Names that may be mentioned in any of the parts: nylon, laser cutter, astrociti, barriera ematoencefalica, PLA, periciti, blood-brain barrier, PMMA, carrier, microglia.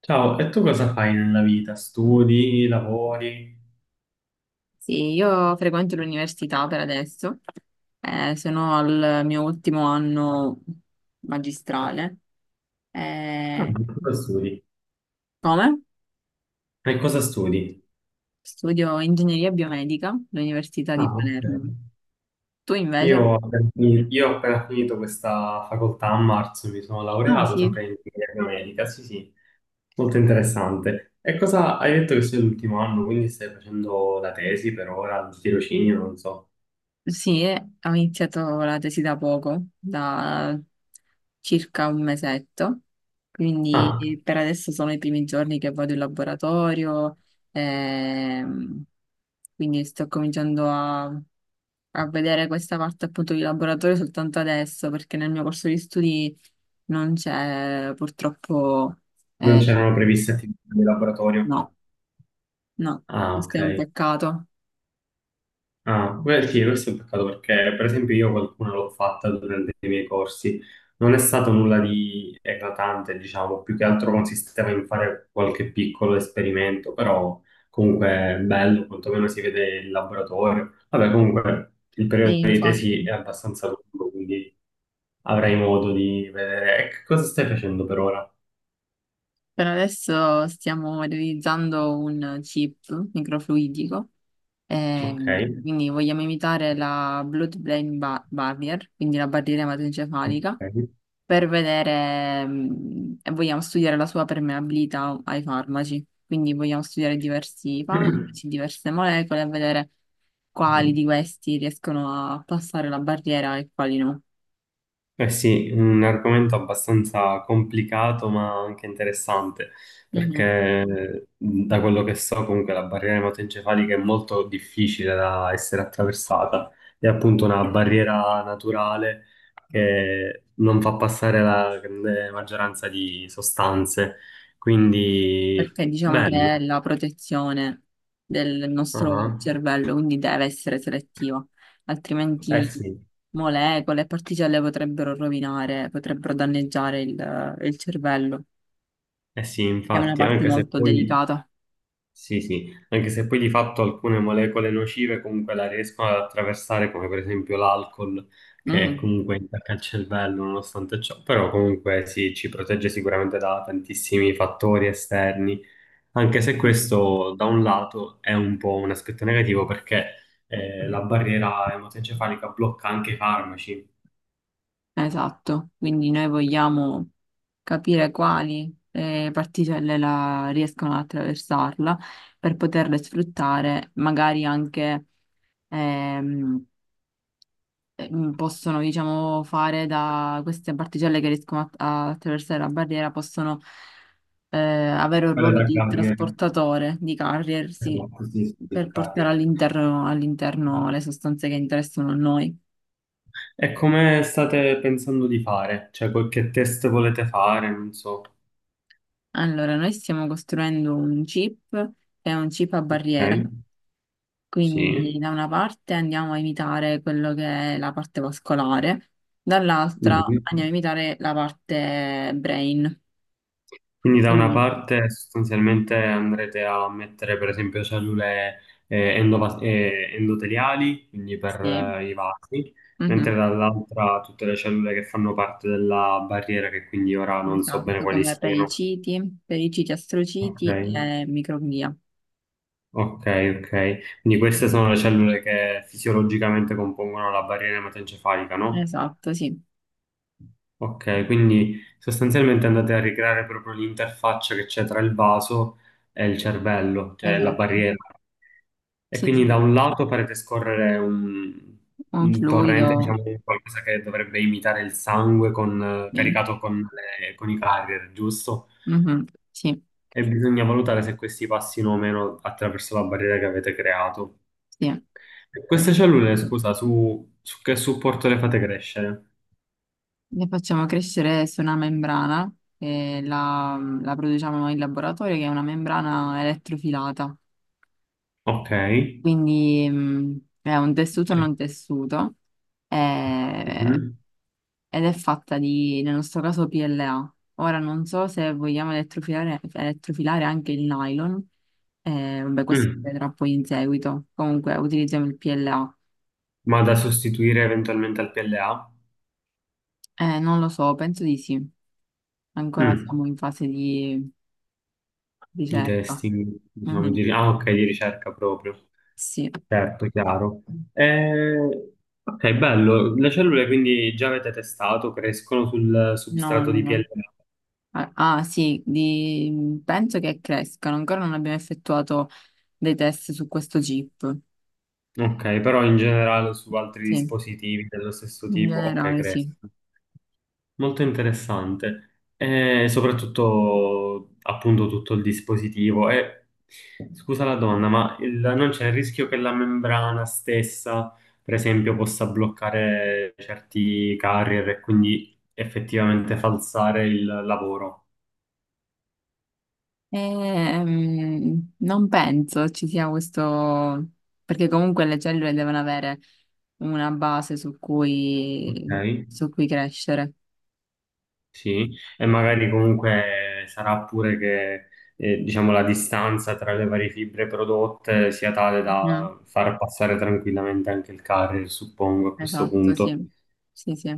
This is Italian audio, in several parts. Ciao, e tu cosa fai nella vita? Studi, lavori? Sì, io frequento l'università per adesso, sono al mio ultimo anno magistrale. Ah, Eh, cosa studi? come? E cosa studi? Studio ingegneria biomedica all'Università di Ah, ok. Palermo. Tu Io invece? ho Ok. Appena finito questa facoltà a marzo, mi sono Ah, laureato sì. sempre in ingegneria medica, sì sì, molto interessante. E cosa hai detto che sei l'ultimo anno, quindi stai facendo la tesi per ora, il tirocinio, non so. Sì, ho iniziato la tesi da poco, da circa un mesetto, Ah, quindi per adesso sono i primi giorni che vado in laboratorio, ehm, quindi sto cominciando a vedere questa parte appunto di laboratorio soltanto adesso, perché nel mio corso di studi non c'è purtroppo, non eh, c'erano previste attività di laboratorio? no, no, Ah, questo è ok. un peccato. Ah, beh, sì, questo è un peccato perché, per esempio, io qualcuna l'ho fatta durante i miei corsi. Non è stato nulla di eclatante, diciamo, più che altro consisteva in fare qualche piccolo esperimento, però comunque è bello, quantomeno si vede il laboratorio. Vabbè, comunque il periodo Sì, di tesi infatti. è abbastanza lungo, quindi avrai modo di vedere. E che cosa stai facendo per ora? Per adesso stiamo realizzando un chip microfluidico, Ok. Quindi vogliamo imitare la barrier, quindi la barriera ematoencefalica, Ok. per vedere, e vogliamo studiare la sua permeabilità ai farmaci. Quindi vogliamo studiare diversi farmaci, diverse molecole e vedere quali di questi riescono a passare la barriera e quali no. Eh sì, un argomento abbastanza complicato ma anche interessante, Mhm. perché da quello che so comunque la barriera ematoencefalica è molto difficile da essere attraversata, è appunto una barriera naturale che non fa passare la grande maggioranza di sostanze, quindi Perché diciamo che è bello. la protezione del nostro Ah, cervello, quindi deve essere selettiva, eh altrimenti sì, molecole e particelle potrebbero rovinare, potrebbero danneggiare il cervello, eh sì, che è una infatti, parte anche se molto poi delicata. sì, sì, anche se poi di fatto alcune molecole nocive comunque la riescono ad attraversare, come per esempio l'alcol, che Mm. comunque intacca il cervello nonostante ciò, però comunque sì, ci protegge sicuramente da tantissimi fattori esterni, anche se questo da un lato è un po' un aspetto negativo perché la barriera ematoencefalica blocca anche i farmaci, Esatto, quindi noi vogliamo capire quali riescono ad attraversarla per poterle sfruttare, magari anche ehm, possono, diciamo, fare da queste particelle che riescono a attraversare la barriera, possono avere un quella ruolo da di carrier, trasportatore, di carrier, sì, esatto, sì, sì, il per portare carrier. All'interno le sostanze che interessano a noi. E come state pensando di fare? Cioè, qualche test volete fare? Non so. Allora, noi stiamo costruendo un chip, che è un chip a barriera, Ok, quindi sì. da una parte andiamo a imitare quello che è la parte vascolare, dall'altra Mhm. andiamo a imitare la parte brain. Quindi da una Quindi, parte sostanzialmente andrete a mettere per esempio cellule endoteliali, quindi per sì. I vasi, mentre Mhm. dall'altra tutte le cellule che fanno parte della barriera, che quindi ora non so bene Esatto, quali come siano. periciti Ok, astrociti e microglia. ok, ok. Quindi queste sono le cellule che fisiologicamente compongono la barriera ematoencefalica, no? Esatto, sì, Ok, quindi sostanzialmente andate a ricreare proprio l'interfaccia che c'è tra il vaso e il cervello, cioè la esatto. barriera. E Sì, sì, quindi da un lato farete scorrere un, un un torrente, fluido, diciamo, di qualcosa che dovrebbe imitare il sangue sì. caricato con i carrier, giusto? Mhm. Sì, E bisogna valutare se questi passino o meno attraverso la barriera che avete creato. sì. E queste cellule, scusa, su che supporto le fate crescere? Le facciamo crescere su una membrana e la produciamo noi in laboratorio, che è una membrana elettrofilata. Ok. Quindi è un tessuto non tessuto. eh, Mhm. Ed è fatta di, nel nostro caso, PLA. Ora non so se vogliamo elettrofilare, elettrofilare anche il nylon, vabbè, questo si Mm. vedrà poi in seguito. Comunque utilizziamo il PLA. Ma da sostituire eventualmente al PLA? Non lo so, penso di sì. Ancora Mm, siamo in fase di di ricerca. testing, diciamo, Mhm. di, ah, ok, di ricerca proprio, Sì, certo, chiaro. Eh, ok, bello. Le cellule quindi già avete testato, crescono sul no, substrato no, di no. PLA. Ah, ah, sì, di- penso che crescano. Ancora non abbiamo effettuato dei test su questo chip. Ok, però in generale su altri Sì, dispositivi dello stesso in tipo, ok, generale, sì. crescono. Molto interessante, e soprattutto appunto tutto il dispositivo. E, scusa la domanda, ma non c'è il rischio che la membrana stessa, per esempio, possa bloccare certi carrier e quindi effettivamente falsare il lavoro? Non penso ci sia questo, perché comunque le cellule devono avere una base Ok. Su cui crescere. Sì, e magari comunque sarà pure che diciamo la distanza tra le varie fibre prodotte sia tale Mm, da far passare tranquillamente anche il carrier, suppongo, a questo esatto, punto. sì. Sì, sì.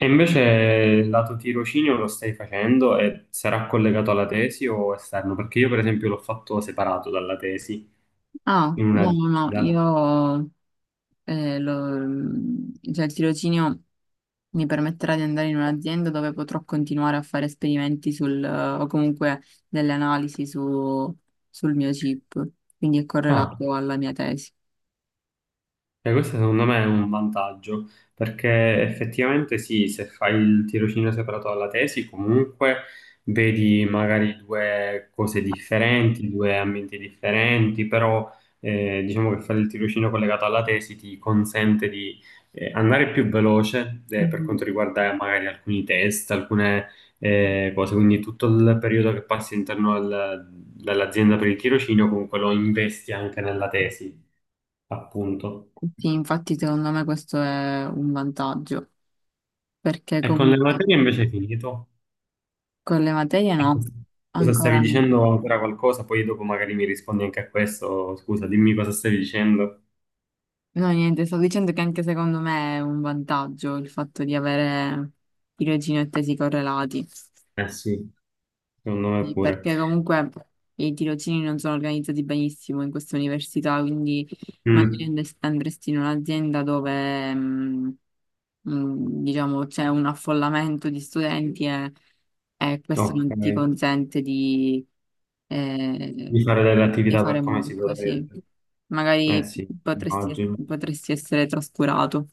E invece lato tirocinio lo stai facendo e sarà collegato alla tesi o esterno? Perché io per esempio l'ho fatto separato dalla tesi Ah, in una no, no, no, disciplina. io eh, lo- cioè il tirocinio mi permetterà di andare in un'azienda dove potrò continuare a fare esperimenti sul, o comunque delle analisi su- sul mio chip, quindi è Ah, correlato alla mia tesi. Questo secondo me è un vantaggio, perché effettivamente sì, se fai il tirocinio separato dalla tesi, comunque vedi magari due cose differenti, due ambienti differenti, però diciamo che fare il tirocinio collegato alla tesi ti consente di andare più veloce per Mhm. quanto riguarda magari alcuni test, alcune cose, quindi tutto il periodo che passi all'interno dell'azienda per il tirocinio comunque lo investi anche nella tesi, appunto. Sì, infatti secondo me questo è un vantaggio, perché E con le comunque materie invece è finito. con le materie no, Cosa stavi ancora no. dicendo ancora qualcosa? Poi dopo magari mi rispondi anche a questo. Scusa, dimmi cosa stavi dicendo. No, niente, sto dicendo che anche secondo me è un vantaggio il fatto di avere tirocini e tesi correlati. Eh sì, secondo me Sì, pure. perché comunque i tirocini non sono organizzati benissimo in questa università, quindi magari Mm, andresti in un'azienda dove, diciamo, c'è un affollamento di studenti e questo ok, non ti consente eh, di fare delle di attività per fare come si molto, sì. dovrebbe. Eh Magari sì, potresti, immagino. potresti essere trascurato.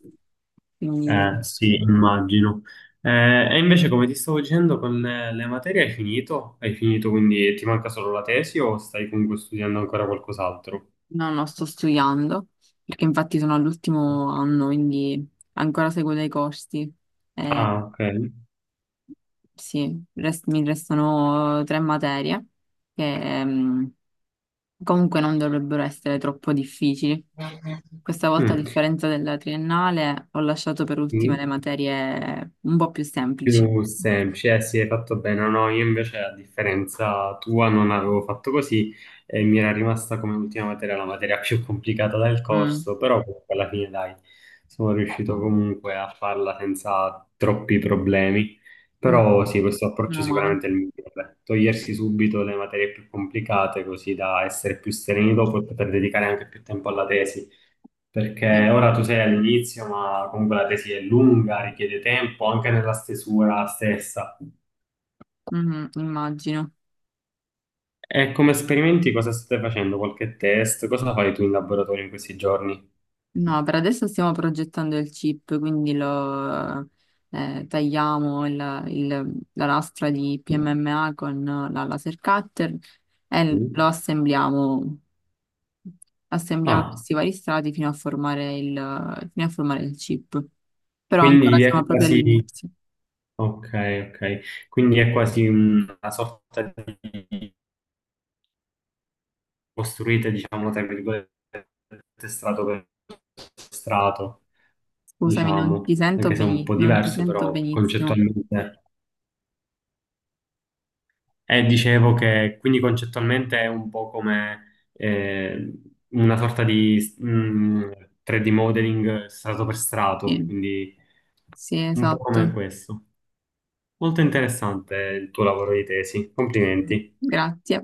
Quindi Eh sì, immagino. E invece come ti stavo dicendo, con le materie hai finito? Hai finito, quindi ti manca solo la tesi o stai comunque studiando ancora qualcos'altro? no, no, sto studiando, perché infatti sono all'ultimo anno, quindi ancora seguo dei corsi. Eh, Ah, ok. sì, mi restano 3 materie che comunque non dovrebbero essere troppo difficili. Questa volta, a Mm. differenza della triennale, ho lasciato per ultime le Sì. materie un po' più semplici. Più semplice, eh sì, hai fatto bene. No, no, io invece a differenza tua non avevo fatto così e mi era rimasta come ultima materia la materia più complicata del Mm, corso, però comunque alla fine dai, sono riuscito comunque a farla senza troppi problemi. mm, Però sì, questo approccio Meno male. sicuramente è il migliore. Togliersi subito le materie più complicate così da essere più sereni dopo e poter dedicare anche più tempo alla tesi perché Sì. ora tu sei all'inizio, ma comunque la tesi è lunga, richiede tempo anche nella stesura stessa. Mhm, immagino. E come esperimenti cosa state facendo? Qualche test? Cosa fai tu in laboratorio in questi giorni? No, per adesso stiamo progettando il chip, quindi lo tagliamo la lastra di PMMA con la laser cutter e lo Mm. assembliamo, assembliamo Ah, questi vari strati fino a formare fino a formare il chip. Però ancora quindi siamo è proprio quasi. all'inizio. Ok, ok. Quindi è quasi una sorta di, costruite, diciamo, tra virgolette, strato per strato, Scusami, diciamo, anche se è un po' non ti diverso, sento però benissimo. concettualmente. E dicevo che quindi concettualmente è un po' come una sorta di 3D modeling strato per strato, Sì, quindi sì, un po' come esatto. questo. Molto interessante il tuo lavoro di tesi, complimenti. Grazie.